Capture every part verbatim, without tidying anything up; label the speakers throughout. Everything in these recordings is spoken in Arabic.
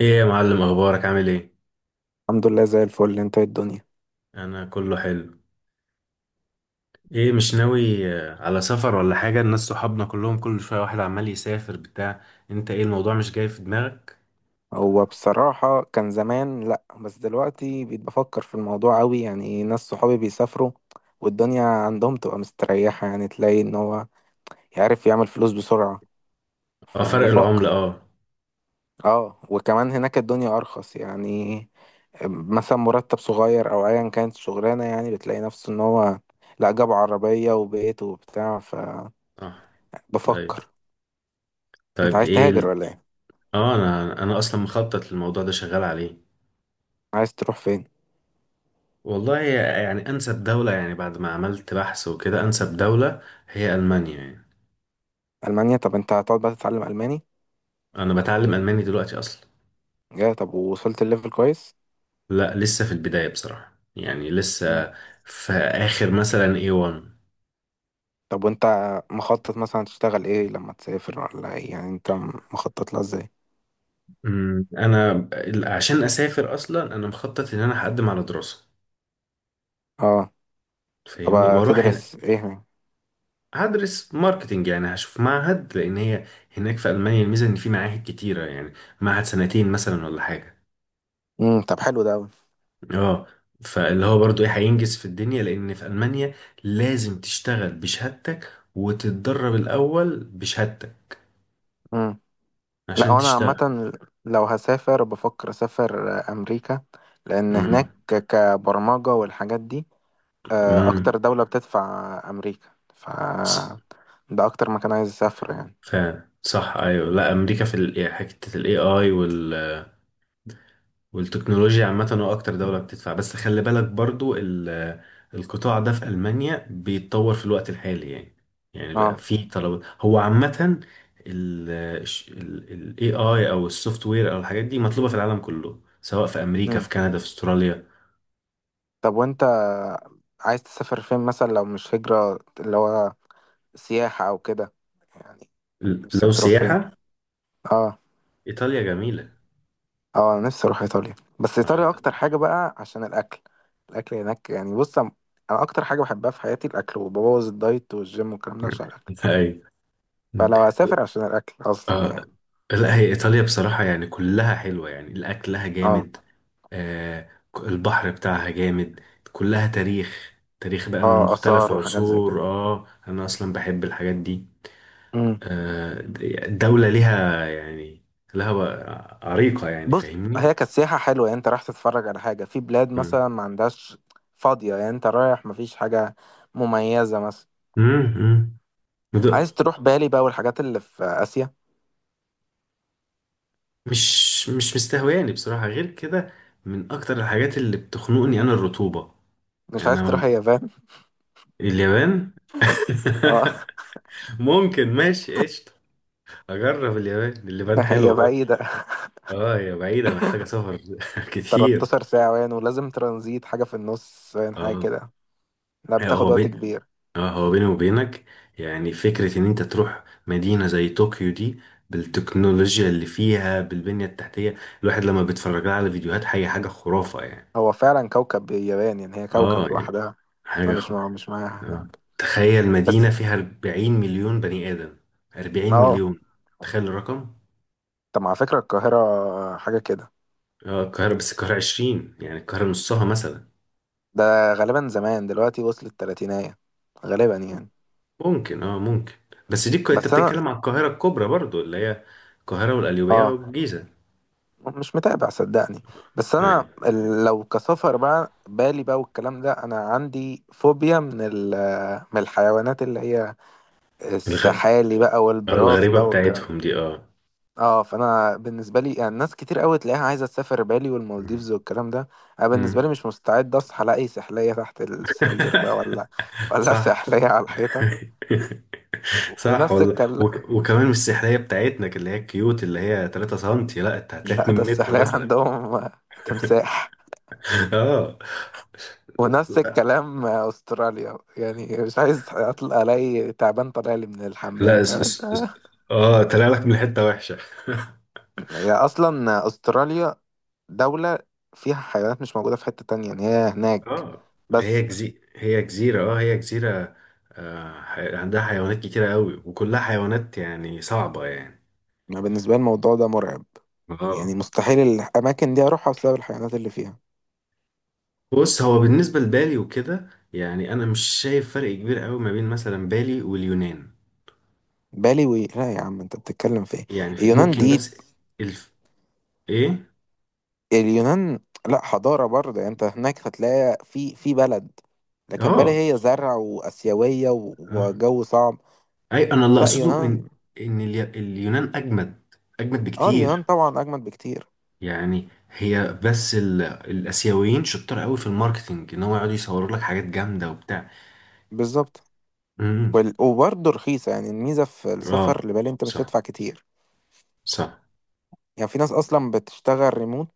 Speaker 1: ايه يا معلم، اخبارك؟ عامل ايه؟
Speaker 2: الحمد لله زي الفل. انت ايه الدنيا؟
Speaker 1: انا كله حلو. ايه مش ناوي، آه، على سفر ولا حاجه؟ الناس صحابنا كلهم كل شويه واحد عمال يسافر بتاع. انت ايه الموضوع مش جاي في دماغك؟
Speaker 2: هو بصراحة كان زمان لأ، بس دلوقتي بقيت بفكر في الموضوع أوي. يعني ناس صحابي بيسافروا والدنيا عندهم تبقى مستريحة، يعني تلاقي إن هو يعرف يعمل فلوس بسرعة،
Speaker 1: اه، فرق العمله،
Speaker 2: فبفكر.
Speaker 1: اه.
Speaker 2: اه وكمان هناك الدنيا أرخص يعني، مثلا مرتب صغير أو أيا كانت الشغلانة، يعني بتلاقي نفسه إن هو لأ جاب عربية وبيت وبتاع،
Speaker 1: صح. ايوه.
Speaker 2: فبفكر. انت
Speaker 1: طيب،
Speaker 2: عايز
Speaker 1: ايه
Speaker 2: تهاجر
Speaker 1: ال-
Speaker 2: ولا ايه؟
Speaker 1: اه، انا انا اصلا مخطط للموضوع ده، شغال عليه.
Speaker 2: عايز تروح فين؟
Speaker 1: والله، يعني انسب دوله، يعني بعد ما عملت بحث وكده، انسب دوله هي المانيا يعني.
Speaker 2: ألمانيا؟ طب انت هتقعد بقى تتعلم ألماني؟
Speaker 1: انا بتعلم الماني دلوقتي اصلا.
Speaker 2: يا طب، ووصلت الليفل كويس؟
Speaker 1: لا، لسه في البدايه بصراحه، يعني
Speaker 2: مم.
Speaker 1: لسه في اخر مثلا اي وان.
Speaker 2: طب وانت مخطط مثلا تشتغل ايه لما تسافر ولا ايه؟ يعني انت مخطط لها ازاي؟
Speaker 1: أمم، انا ال- عشان اسافر اصلا، انا مخطط ان انا هقدم على دراسه،
Speaker 2: اه.
Speaker 1: فاهمني،
Speaker 2: طب
Speaker 1: واروح هنا.
Speaker 2: تدرس ايه؟
Speaker 1: هدرس ماركتنج، يعني هشوف معهد، لان هي هناك في المانيا الميزه ان في معاهد كتيره، يعني معهد سنتين مثلا ولا حاجه.
Speaker 2: امم طب حلو ده قوي.
Speaker 1: اه. فاللي هو برضو ايه هينجز في الدنيا، لان في المانيا لازم تشتغل بشهادتك وتتدرب الاول بشهادتك
Speaker 2: امم. لا
Speaker 1: عشان
Speaker 2: وانا
Speaker 1: تشتغل.
Speaker 2: عامه لو هسافر بفكر اسافر امريكا، لان هناك
Speaker 1: امم.
Speaker 2: كبرمجه والحاجات دي آه،
Speaker 1: امم.
Speaker 2: اكتر دوله بتدفع امريكا، ف
Speaker 1: س-
Speaker 2: ده اكتر مكان عايز اسافر يعني.
Speaker 1: فعلا، صح. ايوه. لا، امريكا في ال- إيه، حته الاي اي والتكنولوجيا عامة، هو أكتر دولة بتدفع. بس خلي بالك برضو ال- القطاع ده في ألمانيا بيتطور في الوقت الحالي، يعني يعني بقى
Speaker 2: اه.
Speaker 1: في طلب، هو عامة. ال ال ال ايه اي أو السوفت وير أو الحاجات دي مطلوبة في العالم كله، سواء في أمريكا، في
Speaker 2: امم.
Speaker 1: كندا، في أستراليا.
Speaker 2: طب وانت عايز تسافر فين مثلا لو مش هجرة، اللي هو سياحة أو كده يعني؟
Speaker 1: ل-
Speaker 2: نفسك
Speaker 1: لو
Speaker 2: تروح فين؟
Speaker 1: سياحة،
Speaker 2: اه.
Speaker 1: إيطاليا جميلة.
Speaker 2: اه أنا نفسي أروح إيطاليا، بس
Speaker 1: اه،
Speaker 2: إيطاليا أكتر
Speaker 1: إيطاليا.
Speaker 2: حاجة بقى عشان الأكل. الأكل هناك يعني، بص أنا أنا أكتر حاجة بحبها في حياتي الأكل، وببوظ الدايت والجيم والكلام ده عشان الأكل.
Speaker 1: أيوة.
Speaker 2: فلو هسافر عشان الأكل أصلا
Speaker 1: آه،
Speaker 2: يعني.
Speaker 1: لا، هي إيطاليا بصراحة يعني كلها حلوة، يعني الأكلها
Speaker 2: اه.
Speaker 1: جامد. آه، البحر بتاعها جامد. كلها تاريخ، تاريخ بقى من
Speaker 2: اه
Speaker 1: مختلف
Speaker 2: آثار وحاجات زي
Speaker 1: عصور.
Speaker 2: كده.
Speaker 1: اه، انا اصلا بحب الحاجات دي.
Speaker 2: امم.
Speaker 1: آه، الدولة ليها، يعني لها بقى عريقة، يعني
Speaker 2: بص،
Speaker 1: فاهمني.
Speaker 2: هي كانت سياحة حلوة يعني أنت رايح تتفرج على حاجة في بلاد
Speaker 1: مم.
Speaker 2: مثلا ما عندهاش. فاضية يعني أنت رايح مفيش حاجة مميزة مثلا.
Speaker 1: مم. مم، ده
Speaker 2: عايز تروح بالي بقى والحاجات اللي في آسيا؟
Speaker 1: مش مش مستهواني بصراحة غير كده. من اكتر الحاجات اللي بتخنقني انا الرطوبة،
Speaker 2: مش
Speaker 1: يعني
Speaker 2: عايز
Speaker 1: انا.
Speaker 2: تروح اليابان؟
Speaker 1: اليابان.
Speaker 2: اه
Speaker 1: ممكن، ماشي قشطة، اجرب اليابان. اليابان
Speaker 2: هي
Speaker 1: حلوة.
Speaker 2: بعيدة.
Speaker 1: اه، هي بعيدة محتاجة سفر كتير.
Speaker 2: تلاتاشر ساعة وين، ولازم ترانزيت حاجة في النص وين، حاجة
Speaker 1: اه،
Speaker 2: كده. لا
Speaker 1: هو
Speaker 2: بتاخد
Speaker 1: اه
Speaker 2: وقت
Speaker 1: بين
Speaker 2: كبير.
Speaker 1: اه هو بيني وبينك، يعني فكرة ان انت تروح مدينة زي طوكيو دي، بالتكنولوجيا اللي فيها، بالبنية التحتية. الواحد لما بيتفرج لها على فيديوهات، حاجة حاجة خرافة يعني.
Speaker 2: هو فعلا كوكب اليابان، يعني هي كوكب
Speaker 1: اه، يعني
Speaker 2: لوحدها. احنا
Speaker 1: حاجة
Speaker 2: مش
Speaker 1: خ...
Speaker 2: مع مش معاها
Speaker 1: آه.
Speaker 2: هناك
Speaker 1: تخيل
Speaker 2: بس.
Speaker 1: مدينة فيها اربعين مليون بني آدم. اربعين
Speaker 2: اه
Speaker 1: مليون، تخيل الرقم.
Speaker 2: طب على فكرة القاهرة حاجة كده.
Speaker 1: اه، القاهرة، بس القاهرة عشرين، يعني القاهرة نصها مثلا.
Speaker 2: ده غالبا زمان دلوقتي وصلت تلاتينية، غالبا يعني.
Speaker 1: ممكن اه ممكن. بس دي الك- انت
Speaker 2: بس انا
Speaker 1: بتتكلم على القاهرة الكبرى برضو، اللي هي القاهرة والقليوبية
Speaker 2: اه
Speaker 1: والجيزة.
Speaker 2: مش متابع صدقني. بس انا
Speaker 1: ايوه.
Speaker 2: ال- لو كسفر بقى بالي بقى والكلام ده، انا عندي فوبيا من ال- من الحيوانات اللي هي
Speaker 1: الغ...
Speaker 2: السحالي بقى
Speaker 1: آه،
Speaker 2: والبراس
Speaker 1: الغريبة
Speaker 2: بقى والكلام ده.
Speaker 1: بتاعتهم دي، اه.
Speaker 2: اه فانا بالنسبه لي يعني ناس كتير قوي تلاقيها عايزه تسافر بالي
Speaker 1: مم.
Speaker 2: والمالديفز والكلام ده. انا بالنسبه
Speaker 1: مم.
Speaker 2: لي مش مستعد اصحى الاقي سحليه تحت السرير بقى ولا ولا
Speaker 1: صح.
Speaker 2: سحليه على الحيطه
Speaker 1: صح
Speaker 2: ونفس
Speaker 1: والله.
Speaker 2: الكلام.
Speaker 1: وك... وكمان مش السحرية بتاعتنا اللي هي الكيوت، اللي هي ثلاثة سنتي، لا، انت هتلاقي
Speaker 2: لا ده
Speaker 1: مترين متر
Speaker 2: السحليه
Speaker 1: مثلا.
Speaker 2: عندهم تمساح.
Speaker 1: اه،
Speaker 2: ونفس الكلام استراليا، يعني مش عايز اطلع الاقي تعبان طالع لي من الحمام،
Speaker 1: لا،
Speaker 2: فاهم
Speaker 1: اس...
Speaker 2: انت.
Speaker 1: اس... اس... اه، طلع لك من حتة وحشة.
Speaker 2: هي اصلا استراليا دولة فيها حيوانات مش موجودة في حتة تانية، يعني هي هناك
Speaker 1: اه، هي
Speaker 2: بس.
Speaker 1: جزي... هي جزيرة، اه هي جزيرة. آه، حي- عندها حيوانات كتيرة قوي، وكلها حيوانات يعني صعبة يعني.
Speaker 2: أنا بالنسبة لي الموضوع ده مرعب، يعني
Speaker 1: اه.
Speaker 2: مستحيل الأماكن دي أروحها بسبب الحيوانات اللي فيها.
Speaker 1: بص، هو بالنسبة لبالي وكده يعني، أنا مش شايف فرق كبير قوي ما بين مثلا بالي واليونان.
Speaker 2: بالي و... لا يا عم أنت بتتكلم في إيه؟
Speaker 1: يعني في-
Speaker 2: اليونان
Speaker 1: ممكن،
Speaker 2: دي!
Speaker 1: بس الف... ايه.
Speaker 2: اليونان لا حضارة برضه، يعني أنت هناك هتلاقي في في بلد، لكن بالي
Speaker 1: اه.
Speaker 2: هي زرع وآسيوية و...
Speaker 1: آه.
Speaker 2: وجو صعب.
Speaker 1: اي، انا اللي
Speaker 2: لا
Speaker 1: اقصده ان
Speaker 2: يونان.
Speaker 1: ان الي- اليونان اجمد، اجمد
Speaker 2: اه اليونان
Speaker 1: بكتير.
Speaker 2: طبعا أجمد بكتير.
Speaker 1: يعني هي بس ال... الاسيويين شطار قوي في الماركتينج، ان هو يقعدوا يصوروا لك حاجات جامده وبتاع.
Speaker 2: بالظبط. وال... وبرضه رخيصة، يعني الميزة في السفر
Speaker 1: اه،
Speaker 2: لبالي أنت مش
Speaker 1: صح.
Speaker 2: هتدفع كتير.
Speaker 1: صح.
Speaker 2: يعني في ناس أصلا بتشتغل ريموت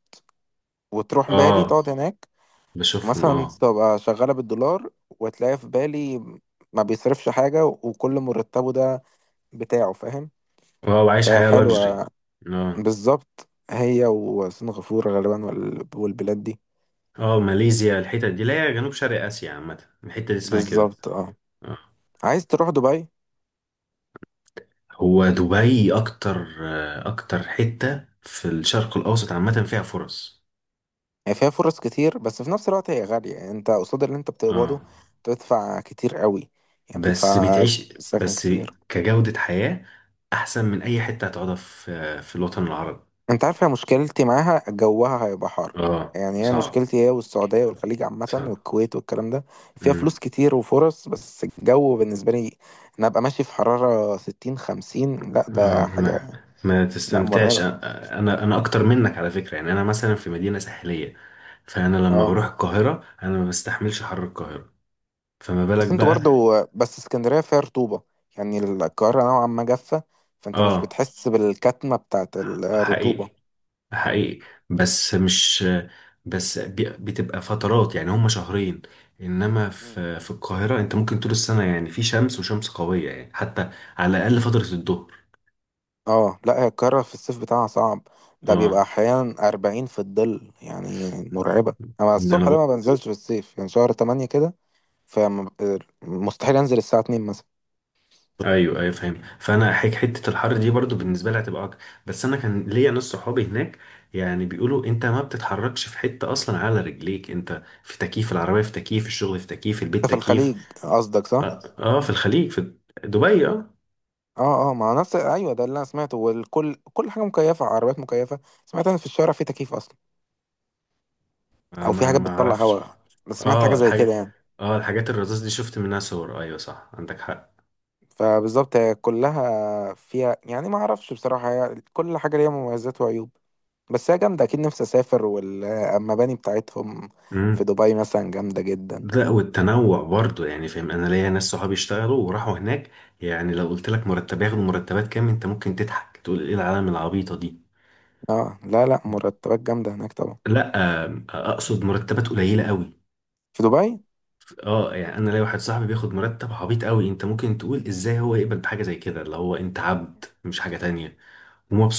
Speaker 2: وتروح بالي
Speaker 1: اه،
Speaker 2: تقعد هناك،
Speaker 1: بشوفهم،
Speaker 2: مثلا
Speaker 1: اه.
Speaker 2: تبقى شغالة بالدولار، وتلاقي في بالي ما بيصرفش حاجة وكل مرتبه ده بتاعه، فاهم.
Speaker 1: اه، وعايش حياة لاكجري.
Speaker 2: فحلوة.
Speaker 1: اه.
Speaker 2: بالظبط، هي وسنغافورة غالبا وال- والبلاد دي.
Speaker 1: اه، ماليزيا، الحتة دي، لا، هي جنوب شرق اسيا عامة، الحتة دي اسمها كده.
Speaker 2: بالظبط اه.
Speaker 1: اه.
Speaker 2: عايز تروح دبي؟
Speaker 1: هو دبي اكتر آه، اكتر حتة في الشرق الاوسط عامة فيها فرص.
Speaker 2: هي فيها فرص كتير، بس في نفس الوقت هي غالية، يعني انت قصاد اللي انت
Speaker 1: اه،
Speaker 2: بتقبضه تدفع كتير قوي. يعني
Speaker 1: بس
Speaker 2: بتدفع
Speaker 1: بتعيش
Speaker 2: سكن
Speaker 1: بس
Speaker 2: كتير.
Speaker 1: كجودة حياة احسن من اي حتة هتقعدها، في آه، في الوطن العربي.
Speaker 2: انت عارفة مشكلتي معاها، جوها هيبقى حر.
Speaker 1: اه،
Speaker 2: يعني هي
Speaker 1: صعب.
Speaker 2: مشكلتي، هي والسعودية والخليج عامة
Speaker 1: صعب.
Speaker 2: والكويت والكلام ده، فيها فلوس
Speaker 1: مم.
Speaker 2: كتير وفرص بس الجو بالنسبة لي. انا ابقى ماشي في حرارة ستين خمسين، لا
Speaker 1: اه،
Speaker 2: ده حاجة.
Speaker 1: ما ما
Speaker 2: لا
Speaker 1: تستمتعش. أ-
Speaker 2: مرعبة.
Speaker 1: انا انا اكتر منك على فكره، يعني انا مثلا في مدينه ساحليه، فانا لما
Speaker 2: اه
Speaker 1: بروح القاهره انا ما بستحملش حر القاهره، فما بالك
Speaker 2: بس انتوا
Speaker 1: بقى.
Speaker 2: برضو، بس اسكندرية فيها رطوبة، يعني القاهرة نوعا ما جافة، فانت مش
Speaker 1: اه،
Speaker 2: بتحس بالكتمة بتاعت الرطوبة.
Speaker 1: حقيقي، حقيقي، بس مش، بس بي- بتبقى فترات، يعني هم شهرين. انما في في القاهره انت ممكن طول السنه يعني في شمس، وشمس قويه يعني، حتى على الاقل فتره الظهر.
Speaker 2: اه لا هي القاهرة في الصيف بتاعها صعب، ده بيبقى
Speaker 1: اه،
Speaker 2: أحيانا أربعين في الظل، يعني مرعبة. أنا
Speaker 1: ان
Speaker 2: الصبح ده
Speaker 1: انا،
Speaker 2: ما بنزلش في الصيف يعني، شهر تمانية كده، فمستحيل أنزل الساعة اتنين مثلا.
Speaker 1: ايوه ايوه فاهم. فانا حك- حته الحر دي برضو بالنسبه لي هتبقى اكتر، بس انا كان ليا ناس صحابي هناك، يعني بيقولوا انت ما بتتحركش في حته اصلا على رجليك، انت في تكييف العربيه، في تكييف الشغل، في تكييف
Speaker 2: أنت
Speaker 1: البيت،
Speaker 2: في
Speaker 1: تكييف.
Speaker 2: الخليج قصدك، صح؟
Speaker 1: اه, آه في الخليج، في دبي. اه.
Speaker 2: اه اه ما هو نفس أيوه، ده اللي أنا سمعته، والكل كل حاجة مكيفة، عربيات مكيفة. سمعت أنا في الشارع في تكييف أصلا،
Speaker 1: آه،
Speaker 2: أو في
Speaker 1: ما
Speaker 2: حاجات
Speaker 1: ما
Speaker 2: بتطلع
Speaker 1: اعرفش.
Speaker 2: هواء. بس سمعت حاجة
Speaker 1: اه،
Speaker 2: زي كده
Speaker 1: الحاجه،
Speaker 2: يعني.
Speaker 1: اه، الحاجات الرذاذ دي شفت منها صور، ايوه صح، عندك حق.
Speaker 2: فبالظبط هي كلها فيها، يعني ما أعرفش بصراحة، هي كل حاجة ليها مميزات وعيوب. بس هي جامدة أكيد، نفسي أسافر. والمباني بتاعتهم في
Speaker 1: امم.
Speaker 2: دبي مثلا جامدة جدا.
Speaker 1: لا، والتنوع برضو يعني، فاهم، انا ليا ناس صحابي اشتغلوا وراحوا هناك، يعني لو قلت لك مرتب ياخدوا، مرتبات كام، انت ممكن تضحك تقول ايه العالم العبيطه دي.
Speaker 2: اه لا لا، مرتبات جامدة هناك طبعا.
Speaker 1: لا، آم، اقصد
Speaker 2: مم.
Speaker 1: مرتبات قليله قوي.
Speaker 2: في دبي.
Speaker 1: اه، يعني انا ليا واحد صاحبي بياخد مرتب عبيط قوي، انت ممكن تقول ازاي هو يقبل بحاجه زي كده، اللي هو انت عبد مش حاجه تانية،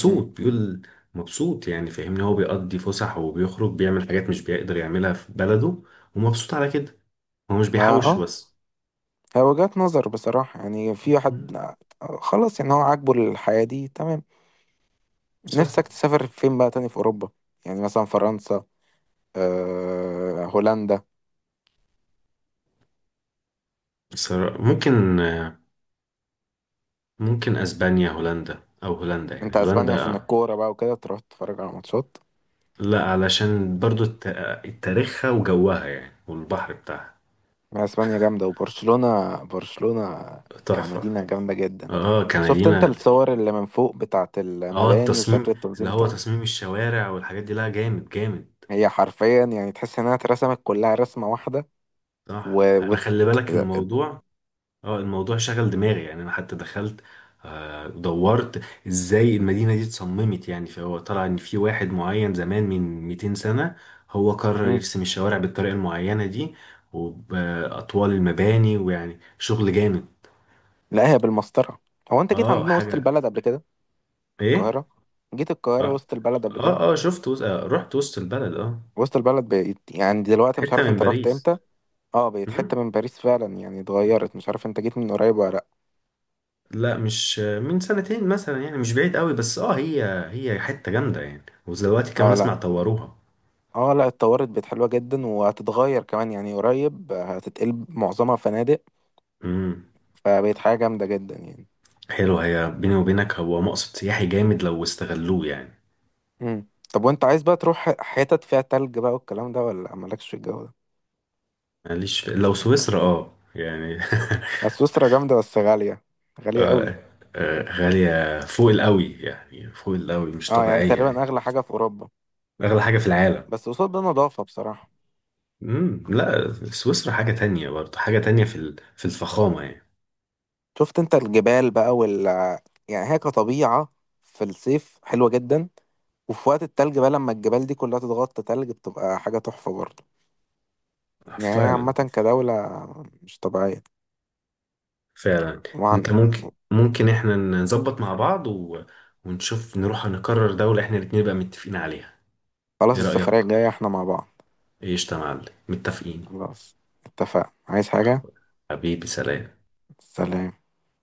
Speaker 2: مم.
Speaker 1: بيقول. مبسوط، يعني فاهمني، هو بيقضي فسح وبيخرج بيعمل حاجات مش بيقدر يعملها في بلده، ومبسوط على كده، هو مش
Speaker 2: ما
Speaker 1: بيحوش
Speaker 2: اه
Speaker 1: بس.
Speaker 2: هي وجهة نظر بصراحة، يعني في واحد
Speaker 1: مم.
Speaker 2: خلاص يعني هو عاجبه الحياة دي، تمام.
Speaker 1: صح.
Speaker 2: نفسك تسافر فين بقى تاني في أوروبا؟ يعني مثلا فرنسا، آه هولندا.
Speaker 1: بصرا- ممكن، ممكن اسبانيا، هولندا، او هولندا،
Speaker 2: أنت
Speaker 1: يعني
Speaker 2: أسبانيا
Speaker 1: هولندا.
Speaker 2: عشان الكورة بقى وكده، تروح تتفرج على ماتشات.
Speaker 1: لا، علشان برضو الت- تاريخها وجوها، يعني والبحر بتاعها
Speaker 2: ما اسبانيا جامده، وبرشلونه برشلونه
Speaker 1: تحفة.
Speaker 2: كمدينه جامده جدا.
Speaker 1: اه،
Speaker 2: شفت انت
Speaker 1: كمدينة.
Speaker 2: الصور اللي من فوق بتاعت
Speaker 1: اه،
Speaker 2: المباني وشكل
Speaker 1: التصميم اللي
Speaker 2: التنظيم
Speaker 1: هو
Speaker 2: بتاعها؟
Speaker 1: تصميم الشوارع والحاجات دي، لا، جامد جامد.
Speaker 2: هي حرفيا يعني تحس انها اترسمت كلها رسمه واحده.
Speaker 1: صح.
Speaker 2: و...
Speaker 1: انا
Speaker 2: وت...
Speaker 1: خلي بالك الموضوع، اه، الموضوع شغل دماغي، يعني انا حتى دخلت، آه، دورت ازاي المدينة دي اتصممت، يعني فهو طلع ان في واحد معين زمان من مئتين سنة، هو قرر
Speaker 2: مم.
Speaker 1: يرسم الشوارع بالطريقة المعينة دي وبأطوال المباني، ويعني شغل جامد.
Speaker 2: لا هي بالمسطره. هو انت جيت
Speaker 1: اه،
Speaker 2: عندنا وسط
Speaker 1: حاجة،
Speaker 2: البلد قبل كده؟
Speaker 1: ايه،
Speaker 2: القاهره، جيت القاهره
Speaker 1: اه.
Speaker 2: وسط البلد قبل
Speaker 1: اه,
Speaker 2: كده؟
Speaker 1: آه شفت وس... آه رحت وسط البلد، اه،
Speaker 2: وسط البلد بقيت يعني، دلوقتي مش
Speaker 1: حتة
Speaker 2: عارف
Speaker 1: من
Speaker 2: انت رحت
Speaker 1: باريس.
Speaker 2: امتى. اه بقت حته من باريس فعلا يعني، اتغيرت. مش عارف انت جيت من قريب ولا لا.
Speaker 1: لا، مش من سنتين مثلا، يعني مش بعيد قوي، بس اه، هي، هي حتة جامدة يعني، ودلوقتي كمان
Speaker 2: اه
Speaker 1: اسمع
Speaker 2: لا.
Speaker 1: طوروها.
Speaker 2: اه لا اتطورت، بقت حلوة جدا، وهتتغير كمان يعني قريب، آه، هتتقلب معظمها فنادق.
Speaker 1: امم.
Speaker 2: فبقت حاجة جامدة جدا يعني.
Speaker 1: حلو. هي بيني وبينك هو مقصد سياحي جامد لو استغلوه يعني.
Speaker 2: مم. طب وانت عايز بقى تروح ح- حتت فيها تلج بقى والكلام ده، ولا مالكش في الجو ده؟
Speaker 1: ماليش في... لو سويسرا، اه، يعني
Speaker 2: بس سويسرا جامدة، بس غالية، غالية
Speaker 1: آه،
Speaker 2: قوي.
Speaker 1: آه، غالية فوق القوي، يعني فوق القوي مش
Speaker 2: اه يعني
Speaker 1: طبيعية
Speaker 2: تقريبا
Speaker 1: يعني.
Speaker 2: اغلى حاجة في اوروبا.
Speaker 1: أغلى حاجة في العالم.
Speaker 2: بس قصاد ده نظافة بصراحة.
Speaker 1: امم. لا، سويسرا حاجة تانية برضه، حاجة تانية في ال- في الفخامة يعني.
Speaker 2: شفت انت الجبال بقى وال، يعني هي كطبيعة في الصيف حلوة جدا، وفي وقت التلج بقى لما الجبال دي كلها تتغطى تلج بتبقى حاجة تحفة برضه. يعني هي عامة
Speaker 1: فعلا.
Speaker 2: كدولة مش طبيعية.
Speaker 1: فعلا.
Speaker 2: وعن
Speaker 1: انت ممكن، ممكن احنا نظبط مع بعض و... ونشوف، نروح نقرر دولة احنا الاتنين بقى متفقين عليها.
Speaker 2: خلاص،
Speaker 1: ايه رأيك؟
Speaker 2: السفرية الجاية احنا مع بعض.
Speaker 1: ايش يا معلم، متفقين.
Speaker 2: خلاص اتفقنا. عايز حاجة؟
Speaker 1: حبيبي، سلام.
Speaker 2: سلام.